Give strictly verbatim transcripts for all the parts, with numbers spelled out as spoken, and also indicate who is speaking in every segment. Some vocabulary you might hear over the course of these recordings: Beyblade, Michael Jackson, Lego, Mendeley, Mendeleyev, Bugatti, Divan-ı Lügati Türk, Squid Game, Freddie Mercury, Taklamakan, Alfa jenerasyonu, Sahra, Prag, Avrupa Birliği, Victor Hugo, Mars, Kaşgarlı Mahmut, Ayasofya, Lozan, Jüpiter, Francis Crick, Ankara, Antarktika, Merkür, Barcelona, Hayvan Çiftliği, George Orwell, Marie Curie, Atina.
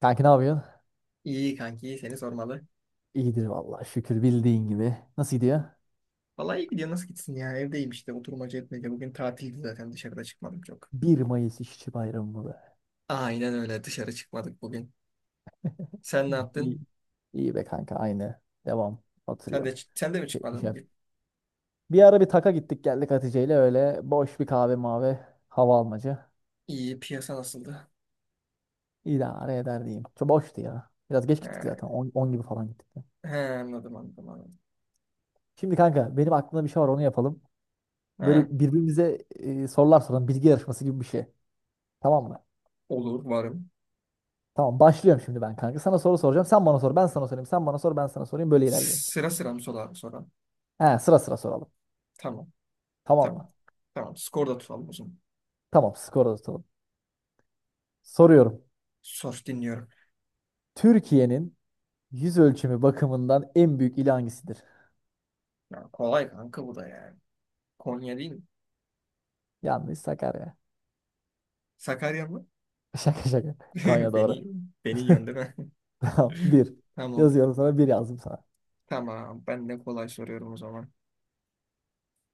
Speaker 1: Kanka ne yapıyorsun?
Speaker 2: İyi kanki, iyi seni sormalı.
Speaker 1: İyidir vallahi şükür bildiğin gibi. Nasıl gidiyor?
Speaker 2: Vallahi iyi gidiyor, nasıl gitsin ya? Evdeyim işte, oturmaca etmece. Bugün tatildi zaten, dışarıda çıkmadım çok.
Speaker 1: bir Mayıs İşçi Bayramı mı be.
Speaker 2: Aynen öyle, dışarı çıkmadık bugün. Sen ne
Speaker 1: İyi,
Speaker 2: yaptın?
Speaker 1: iyi be kanka aynı. Devam.
Speaker 2: Sen de
Speaker 1: Oturuyorum.
Speaker 2: sen de mi
Speaker 1: Şey,
Speaker 2: çıkmadın
Speaker 1: şey.
Speaker 2: bugün?
Speaker 1: Bir ara bir taka gittik geldik Hatice ile öyle boş bir kahve mavi hava almacı.
Speaker 2: İyi, piyasa nasıldı?
Speaker 1: İdare eder diyeyim. Çok boştu ya. Biraz geç gittik zaten.
Speaker 2: He,
Speaker 1: on, gibi falan gittik. De.
Speaker 2: he, anladım anladım anladım.
Speaker 1: Şimdi kanka benim aklımda bir şey var onu yapalım.
Speaker 2: He,
Speaker 1: Böyle birbirimize e, sorular soralım. Bilgi yarışması gibi bir şey. Tamam mı?
Speaker 2: olur, varım.
Speaker 1: Tamam, başlıyorum şimdi ben kanka. Sana soru soracağım. Sen bana sor. Ben sana sorayım. Sen bana sor. Ben sana sorayım. Böyle ilerleyelim.
Speaker 2: Sıra sıra mı sorar sonra?
Speaker 1: He, sıra sıra soralım.
Speaker 2: Tamam,
Speaker 1: Tamam
Speaker 2: tamam.
Speaker 1: mı?
Speaker 2: Tamam, skor da tutalım o zaman.
Speaker 1: Tamam, skor atalım. Soruyorum.
Speaker 2: Sos dinliyorum.
Speaker 1: Türkiye'nin yüz ölçümü bakımından en büyük ili hangisidir?
Speaker 2: Ya, kolay kanka bu da yani. Konya değil mi?
Speaker 1: Yanlış, Sakarya.
Speaker 2: Sakarya mı?
Speaker 1: Şaka şaka. Konya doğru.
Speaker 2: Beni, beni yöndü
Speaker 1: Tamam, bir.
Speaker 2: Tamam.
Speaker 1: Yazıyorum sana, bir yazdım sana.
Speaker 2: Tamam, ben de kolay soruyorum o zaman.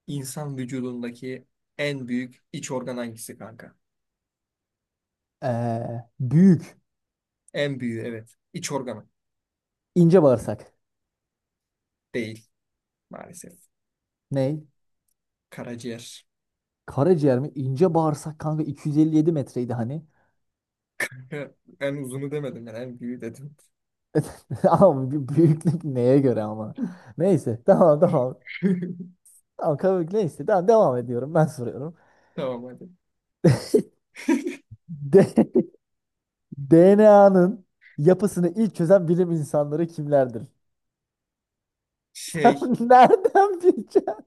Speaker 2: İnsan vücudundaki en büyük iç organ hangisi kanka?
Speaker 1: Ee, büyük.
Speaker 2: En büyüğü evet. İç organı
Speaker 1: İnce bağırsak.
Speaker 2: değil maalesef.
Speaker 1: Ney?
Speaker 2: Karaciğer.
Speaker 1: Karaciğer mi? İnce bağırsak kanka iki yüz elli yedi metreydi hani.
Speaker 2: En uzunu demedim, ben en büyüğü dedim.
Speaker 1: Ama bu büyüklük neye göre ama. Neyse, tamam tamam. Tamam, kabul neyse. Tamam, devam ediyorum. Ben soruyorum.
Speaker 2: Tamam hadi.
Speaker 1: De D N A'nın yapısını ilk çözen bilim insanları kimlerdir?
Speaker 2: Şey,
Speaker 1: Sen nereden bileceksin?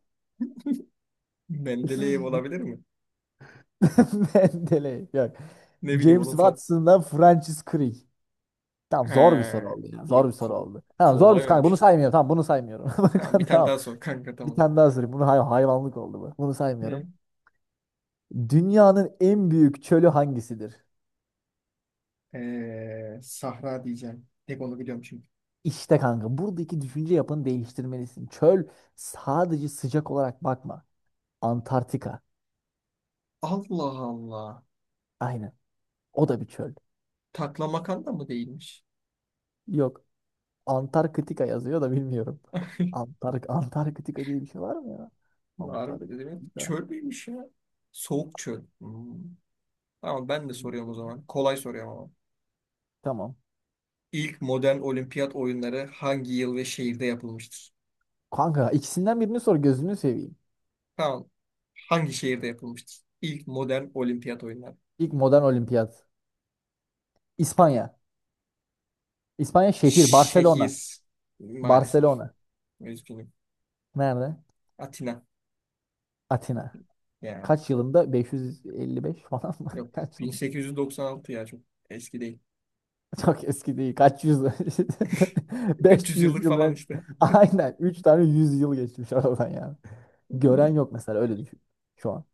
Speaker 2: Mendeleyev olabilir mi?
Speaker 1: Mendeley. Yok.
Speaker 2: Ne bileyim
Speaker 1: James
Speaker 2: onun fa...
Speaker 1: Watson'dan Francis Crick. Tamam,
Speaker 2: He,
Speaker 1: zor bir soru oldu ya. Zor
Speaker 2: iyi,
Speaker 1: bir soru
Speaker 2: ko
Speaker 1: oldu. Tamam, zor bir soru
Speaker 2: kolay
Speaker 1: kanka. Bunu
Speaker 2: olmuş.
Speaker 1: saymıyorum. Tamam, bunu saymıyorum. Bak.
Speaker 2: Tamam, bir tane
Speaker 1: Tamam.
Speaker 2: daha sor kanka,
Speaker 1: Bir
Speaker 2: tamam.
Speaker 1: tane daha sorayım. Bunu hay- hayvanlık oldu bu. Bunu saymıyorum.
Speaker 2: Ne?
Speaker 1: Dünyanın en büyük çölü hangisidir?
Speaker 2: Ee, Sahra diyeceğim. Tek onu biliyorum çünkü.
Speaker 1: İşte kanka buradaki düşünce yapını değiştirmelisin. Çöl sadece sıcak olarak bakma. Antarktika.
Speaker 2: Allah Allah.
Speaker 1: Aynen. O da bir çöl.
Speaker 2: Taklamakan da mı değilmiş?
Speaker 1: Yok. Antarktika yazıyor da bilmiyorum. Antark Antarktika diye bir şey var mı ya?
Speaker 2: Harbi ne demek?
Speaker 1: Antarktika.
Speaker 2: Çöl müymüş ya? Soğuk çöl. Hmm. Tamam, ben de soruyorum o zaman. Kolay soruyorum ama.
Speaker 1: Tamam.
Speaker 2: İlk modern olimpiyat oyunları hangi yıl ve şehirde yapılmıştır?
Speaker 1: Kanka, ikisinden birini sor gözünü seveyim.
Speaker 2: Tamam. Hangi şehirde yapılmıştır? İlk modern olimpiyat oyunları.
Speaker 1: İlk modern olimpiyat. İspanya. İspanya şehir. Barcelona.
Speaker 2: Şehir maalesef.
Speaker 1: Barcelona.
Speaker 2: Üzgünüm.
Speaker 1: Nerede?
Speaker 2: Atina.
Speaker 1: Atina.
Speaker 2: Ya
Speaker 1: Kaç yılında? beş yüz elli beş falan mı?
Speaker 2: yok.
Speaker 1: Kaç yıl?
Speaker 2: bin sekiz yüz doksan altı, ya çok eski değil.
Speaker 1: Çok eski değil. Kaç yüz?
Speaker 2: üç yüz
Speaker 1: beş yüz
Speaker 2: yıllık
Speaker 1: yıl.
Speaker 2: falan
Speaker 1: ön-
Speaker 2: işte.
Speaker 1: Aynen. Üç tane yüz yıl geçmiş aradan yani. Gören yok mesela, öyle düşün şu an.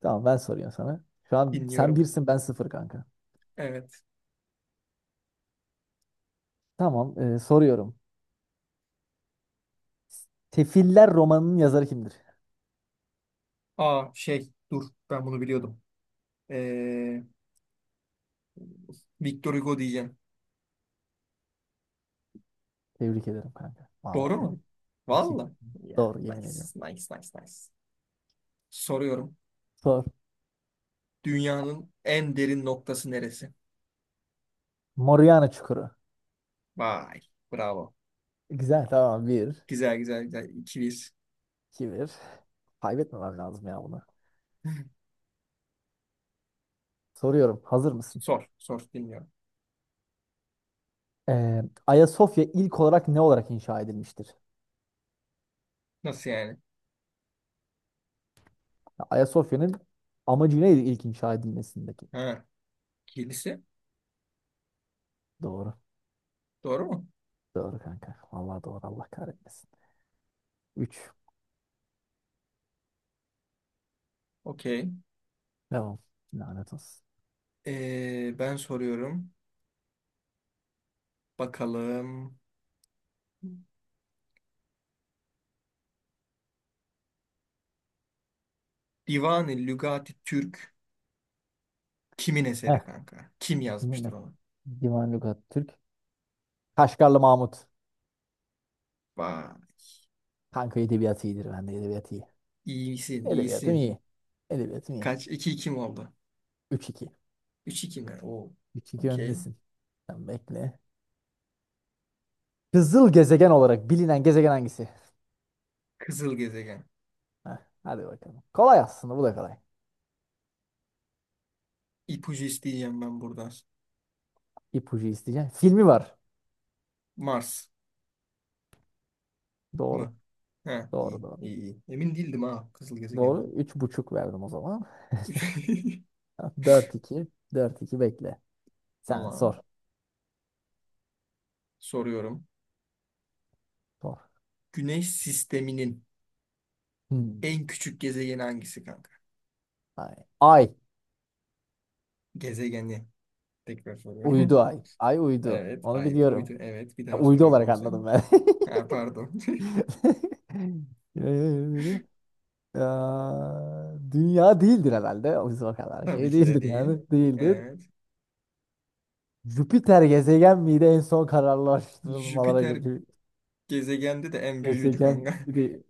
Speaker 1: Tamam, ben soruyorum sana. Şu an sen
Speaker 2: Dinliyorum.
Speaker 1: birsin, ben sıfır kanka.
Speaker 2: Evet.
Speaker 1: Tamam, e, soruyorum. Tefiller romanının yazarı kimdir?
Speaker 2: Aa şey dur, ben bunu biliyordum. Ee, Victor Hugo diyeceğim.
Speaker 1: Tebrik ederim kanka. Vallahi
Speaker 2: Doğru mu?
Speaker 1: tebrik. İki.
Speaker 2: Valla. Ya
Speaker 1: Doğru, yemin
Speaker 2: nice,
Speaker 1: ediyorum.
Speaker 2: nice, nice, nice. Soruyorum.
Speaker 1: Sor.
Speaker 2: Dünyanın en derin noktası neresi?
Speaker 1: Moriana Çukuru.
Speaker 2: Vay. Bravo.
Speaker 1: Güzel, tamam, bir.
Speaker 2: Güzel, güzel, güzel. İki İkiliyiz.
Speaker 1: iki bir. Kaybetmemem lazım ya bunu. Soruyorum, hazır mısın?
Speaker 2: Sor. Sor. Dinliyorum.
Speaker 1: Ee, Ayasofya ilk olarak ne olarak inşa edilmiştir?
Speaker 2: Nasıl yani?
Speaker 1: Ya, Ayasofya'nın amacı neydi ilk inşa edilmesindeki?
Speaker 2: Ha. ikilisi.
Speaker 1: Doğru.
Speaker 2: Doğru mu?
Speaker 1: Doğru kanka. Vallahi doğru, Allah kahretmesin. Üç.
Speaker 2: Okey.
Speaker 1: Devam. Lanet olsun.
Speaker 2: Ee, ben soruyorum. Bakalım. Divan-ı Lügati Türk kimin eseri kanka? Kim yazmıştır
Speaker 1: Yine
Speaker 2: onu?
Speaker 1: Divan Lügat Türk. Kaşgarlı Mahmut.
Speaker 2: Vay.
Speaker 1: Kanka edebiyat iyidir. Ben de edebiyat iyi.
Speaker 2: İyisin,
Speaker 1: Edebiyatım
Speaker 2: iyisin.
Speaker 1: iyi. Edebiyatım iyi.
Speaker 2: Kaç? İki iki mi oldu?
Speaker 1: Üç iki.
Speaker 2: Üç iki mi? Oo.
Speaker 1: Üç iki.
Speaker 2: Okey.
Speaker 1: Öndesin. Sen bekle. Kızıl gezegen olarak bilinen gezegen hangisi?
Speaker 2: Kızıl gezegen.
Speaker 1: Heh, hadi bakalım. Kolay aslında, bu da kolay.
Speaker 2: İpucu isteyeceğim ben buradan.
Speaker 1: İpucu isteyeceğim. Filmi var.
Speaker 2: Mars
Speaker 1: Doğru.
Speaker 2: mı? Ha,
Speaker 1: Doğru
Speaker 2: iyi,
Speaker 1: doğru.
Speaker 2: iyi, iyi. Emin değildim ha kızıl
Speaker 1: Doğru.
Speaker 2: gezegenden.
Speaker 1: Üç buçuk verdim o zaman. Dört iki. Dört iki. Bekle. Sen
Speaker 2: Tamam.
Speaker 1: sor.
Speaker 2: Soruyorum.
Speaker 1: Sor.
Speaker 2: Güneş sisteminin
Speaker 1: Hmm.
Speaker 2: en küçük gezegeni hangisi kanka?
Speaker 1: Ay. Ay.
Speaker 2: Gezegeni. Tekrar
Speaker 1: Uydu,
Speaker 2: soruyorum.
Speaker 1: ay. Ay uydu.
Speaker 2: Evet,
Speaker 1: Onu
Speaker 2: ay bir
Speaker 1: biliyorum.
Speaker 2: uydu. Evet, bir daha
Speaker 1: Uydu
Speaker 2: soruyorum o
Speaker 1: olarak anladım
Speaker 2: yüzden.
Speaker 1: ben.
Speaker 2: Ha, pardon.
Speaker 1: Ee, ya, Dünya değildir herhalde. O yüzden o kadar
Speaker 2: Tabii
Speaker 1: şey
Speaker 2: ki de
Speaker 1: değildir
Speaker 2: değil.
Speaker 1: yani. Değildir.
Speaker 2: Evet.
Speaker 1: Jüpiter gezegen miydi en son kararlaştırılmalara
Speaker 2: Jüpiter
Speaker 1: göre?
Speaker 2: gezegende de en büyüğüydü
Speaker 1: Gezegen
Speaker 2: kanka.
Speaker 1: değil.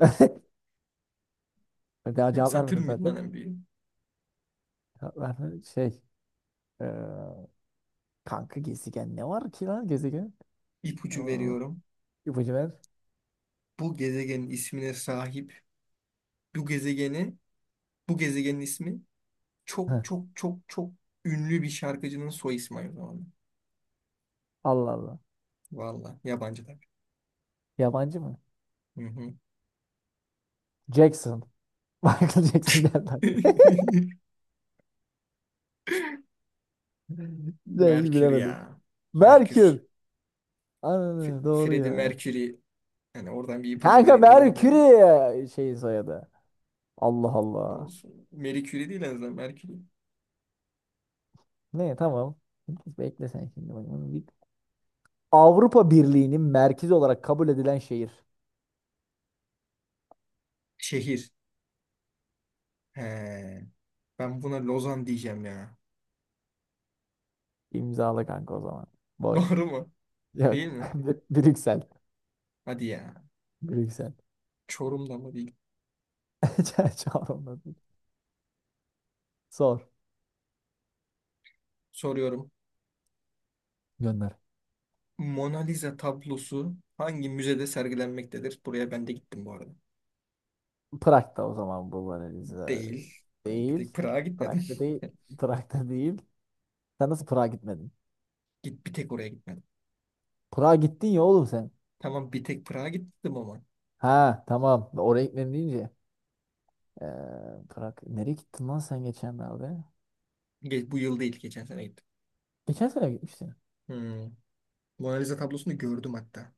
Speaker 1: Daha
Speaker 2: Yok,
Speaker 1: cevap
Speaker 2: Satürn
Speaker 1: vermedim
Speaker 2: müydü lan
Speaker 1: zaten.
Speaker 2: en büyüğü?
Speaker 1: Cevap vermedim. Şey. e, kanka gezegen ne var ki lan gezegen? E,
Speaker 2: İpucu veriyorum.
Speaker 1: ipucu ver.
Speaker 2: Bu gezegenin ismine sahip bu gezegeni, bu gezegenin ismi
Speaker 1: Heh,
Speaker 2: çok, çok, çok, çok ünlü bir şarkıcının soy ismi aynı zamanda.
Speaker 1: Allah Allah.
Speaker 2: Valla yabancı tabii.
Speaker 1: Yabancı mı?
Speaker 2: Hı hı.
Speaker 1: Jackson. Michael Jackson geldi aklıma. Neyi
Speaker 2: Merkür
Speaker 1: bilemedim.
Speaker 2: ya.
Speaker 1: Merkür.
Speaker 2: Merkür. F
Speaker 1: Aynen doğru
Speaker 2: Freddie
Speaker 1: ya.
Speaker 2: Mercury. Yani oradan bir ipucu
Speaker 1: Kanka
Speaker 2: vereyim dedim de.
Speaker 1: Merkür'ü şeyin soyadı. Allah Allah.
Speaker 2: Olsun. Marie Curie değil en azından, Mercury.
Speaker 1: Ne, tamam. Bekle sen şimdi. Bak bunu bir- Avrupa Birliği'nin merkezi olarak kabul edilen şehir.
Speaker 2: Şehir. He. Ben buna Lozan diyeceğim ya.
Speaker 1: İmzalı kanka o zaman. Boş.
Speaker 2: Doğru mu?
Speaker 1: Yok.
Speaker 2: Değil mi?
Speaker 1: Br- Brüksel.
Speaker 2: Hadi ya.
Speaker 1: Brüksel.
Speaker 2: Çorum'da mı değil?
Speaker 1: Çağrılmadı. Sor.
Speaker 2: Soruyorum.
Speaker 1: Gönder.
Speaker 2: Mona Lisa tablosu hangi müzede sergilenmektedir? Buraya ben de gittim bu arada.
Speaker 1: Prag'da o zaman bu var Eliza.
Speaker 2: Değil. Ben bir tek
Speaker 1: Değil.
Speaker 2: Prag'a gitmedim.
Speaker 1: Prag'da değil. Prag'da değil. Sen nasıl Prag'a gitmedin?
Speaker 2: Git bir tek oraya gitmedim.
Speaker 1: Prag'a gittin ya oğlum sen.
Speaker 2: Tamam, bir tek Prag'a gittim ama.
Speaker 1: Ha, tamam. Oraya gitmedin deyince. Ee, Prag. Nereye gittin lan sen geçenlerde?
Speaker 2: Ge- bu yıl değil, geçen sene gittim.
Speaker 1: Geçen sene gitmiştin.
Speaker 2: Hmm. Mona Lisa tablosunu gördüm hatta.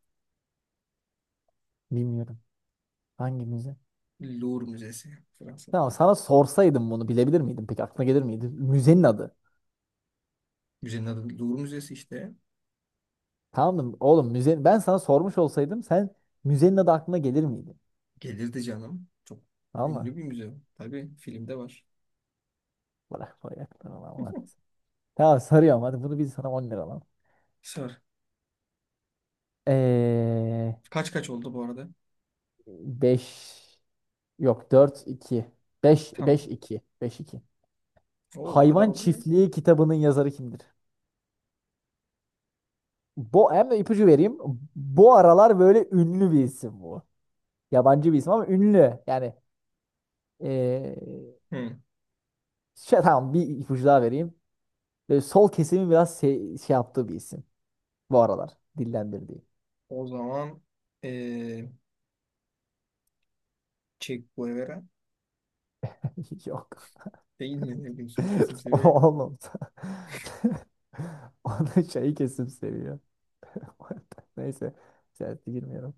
Speaker 1: Bilmiyorum. Hangi müze?
Speaker 2: Louvre Müzesi Fransa.
Speaker 1: Tamam, sana sorsaydım bunu bilebilir miydin? Peki aklına gelir miydi? Müzenin adı.
Speaker 2: Müzenin adı Louvre Müzesi işte.
Speaker 1: Tamam mı? Oğlum müze, ben sana sormuş olsaydım sen müzenin adı aklına gelir miydi?
Speaker 2: Gelirdi canım. Çok
Speaker 1: Tamam mı?
Speaker 2: ünlü bir müze. Tabii filmde var.
Speaker 1: Bırak buraya aklına lan. Lan. Tamam, sarıyorum hadi bunu, biz sana on lira lan.
Speaker 2: Sor.
Speaker 1: Ee,
Speaker 2: Kaç kaç oldu bu arada?
Speaker 1: beş yok, dört iki, beş beş
Speaker 2: Tamam.
Speaker 1: iki, beş iki.
Speaker 2: Oo, o kadar
Speaker 1: Hayvan
Speaker 2: oldu mu ya?
Speaker 1: Çiftliği kitabının yazarı kimdir? Bu hem de ipucu vereyim. Bu aralar böyle ünlü bir isim bu. Yabancı bir isim ama ünlü. Yani ee,
Speaker 2: Hı.
Speaker 1: şey, tamam, bir ipucu daha vereyim. Böyle sol kesimi biraz şey, şey yaptığı bir isim. Bu aralar dillendirdiği.
Speaker 2: O zaman eee, Che Guevara
Speaker 1: Yok.
Speaker 2: değil mi? Ne son kesim seviye
Speaker 1: Oğlum. Onu şey kesim seviyor. Neyse. Siyasete girmiyorum.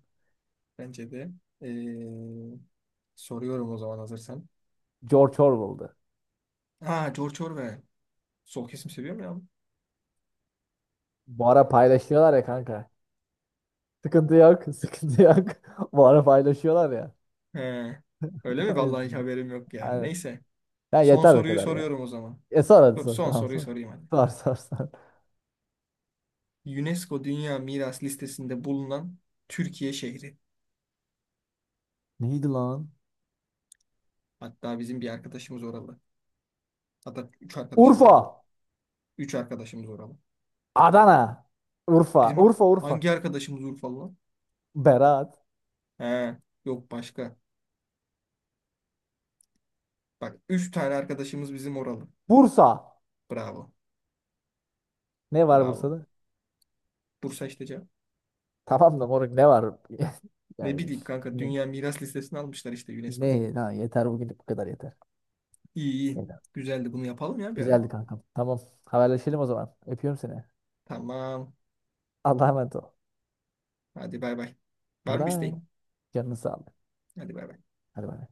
Speaker 2: bence de. Ee, soruyorum o zaman hazırsan.
Speaker 1: George Orwell'dı.
Speaker 2: Ha, George Orwell. Sol kesim seviyor mu ya?
Speaker 1: Bu ara paylaşıyorlar ya kanka. Sıkıntı yok. Sıkıntı yok. Bu ara paylaşıyorlar ya.
Speaker 2: He. Öyle mi?
Speaker 1: O
Speaker 2: Vallahi hiç
Speaker 1: yüzden.
Speaker 2: haberim yok ya.
Speaker 1: Aynen.
Speaker 2: Neyse.
Speaker 1: Ya
Speaker 2: Son
Speaker 1: yeter o
Speaker 2: soruyu
Speaker 1: kadar ya.
Speaker 2: soruyorum o zaman.
Speaker 1: E sor hadi
Speaker 2: Dur
Speaker 1: sor.
Speaker 2: son
Speaker 1: Tamam,
Speaker 2: soruyu
Speaker 1: sor.
Speaker 2: sorayım hadi.
Speaker 1: Sor sor sor.
Speaker 2: UNESCO Dünya Miras listesinde bulunan Türkiye şehri.
Speaker 1: Neydi lan?
Speaker 2: Hatta bizim bir arkadaşımız oralı. Hatta üç arkadaşımız
Speaker 1: Urfa.
Speaker 2: oralı. Üç arkadaşımız oralı.
Speaker 1: Adana. Urfa.
Speaker 2: Bizim
Speaker 1: Urfa Urfa.
Speaker 2: hangi arkadaşımız Urfalı lan?
Speaker 1: Berat.
Speaker 2: He. Yok başka. Bak üç tane arkadaşımız bizim oralı.
Speaker 1: Bursa.
Speaker 2: Bravo.
Speaker 1: Ne var
Speaker 2: Bravo.
Speaker 1: Bursa'da?
Speaker 2: Bursa işte cevap.
Speaker 1: Tamam da moruk, ne var? Ya
Speaker 2: Ne
Speaker 1: üf,
Speaker 2: bileyim kanka,
Speaker 1: ne?
Speaker 2: dünya miras listesine almışlar işte UNESCO.
Speaker 1: Ne? Ha, yeter bugünlük, bu kadar yeter.
Speaker 2: İyi, iyi.
Speaker 1: Yeter.
Speaker 2: Güzeldi, bunu yapalım ya bir ara.
Speaker 1: Güzeldi kankam. Tamam. Haberleşelim o zaman. Öpüyorum seni.
Speaker 2: Tamam.
Speaker 1: Allah'a emanet ol.
Speaker 2: Hadi bay bay. Var
Speaker 1: Hadi
Speaker 2: mı bir
Speaker 1: bay.
Speaker 2: isteğin?
Speaker 1: Canını sağlık.
Speaker 2: Hadi bay bay.
Speaker 1: Hadi bay.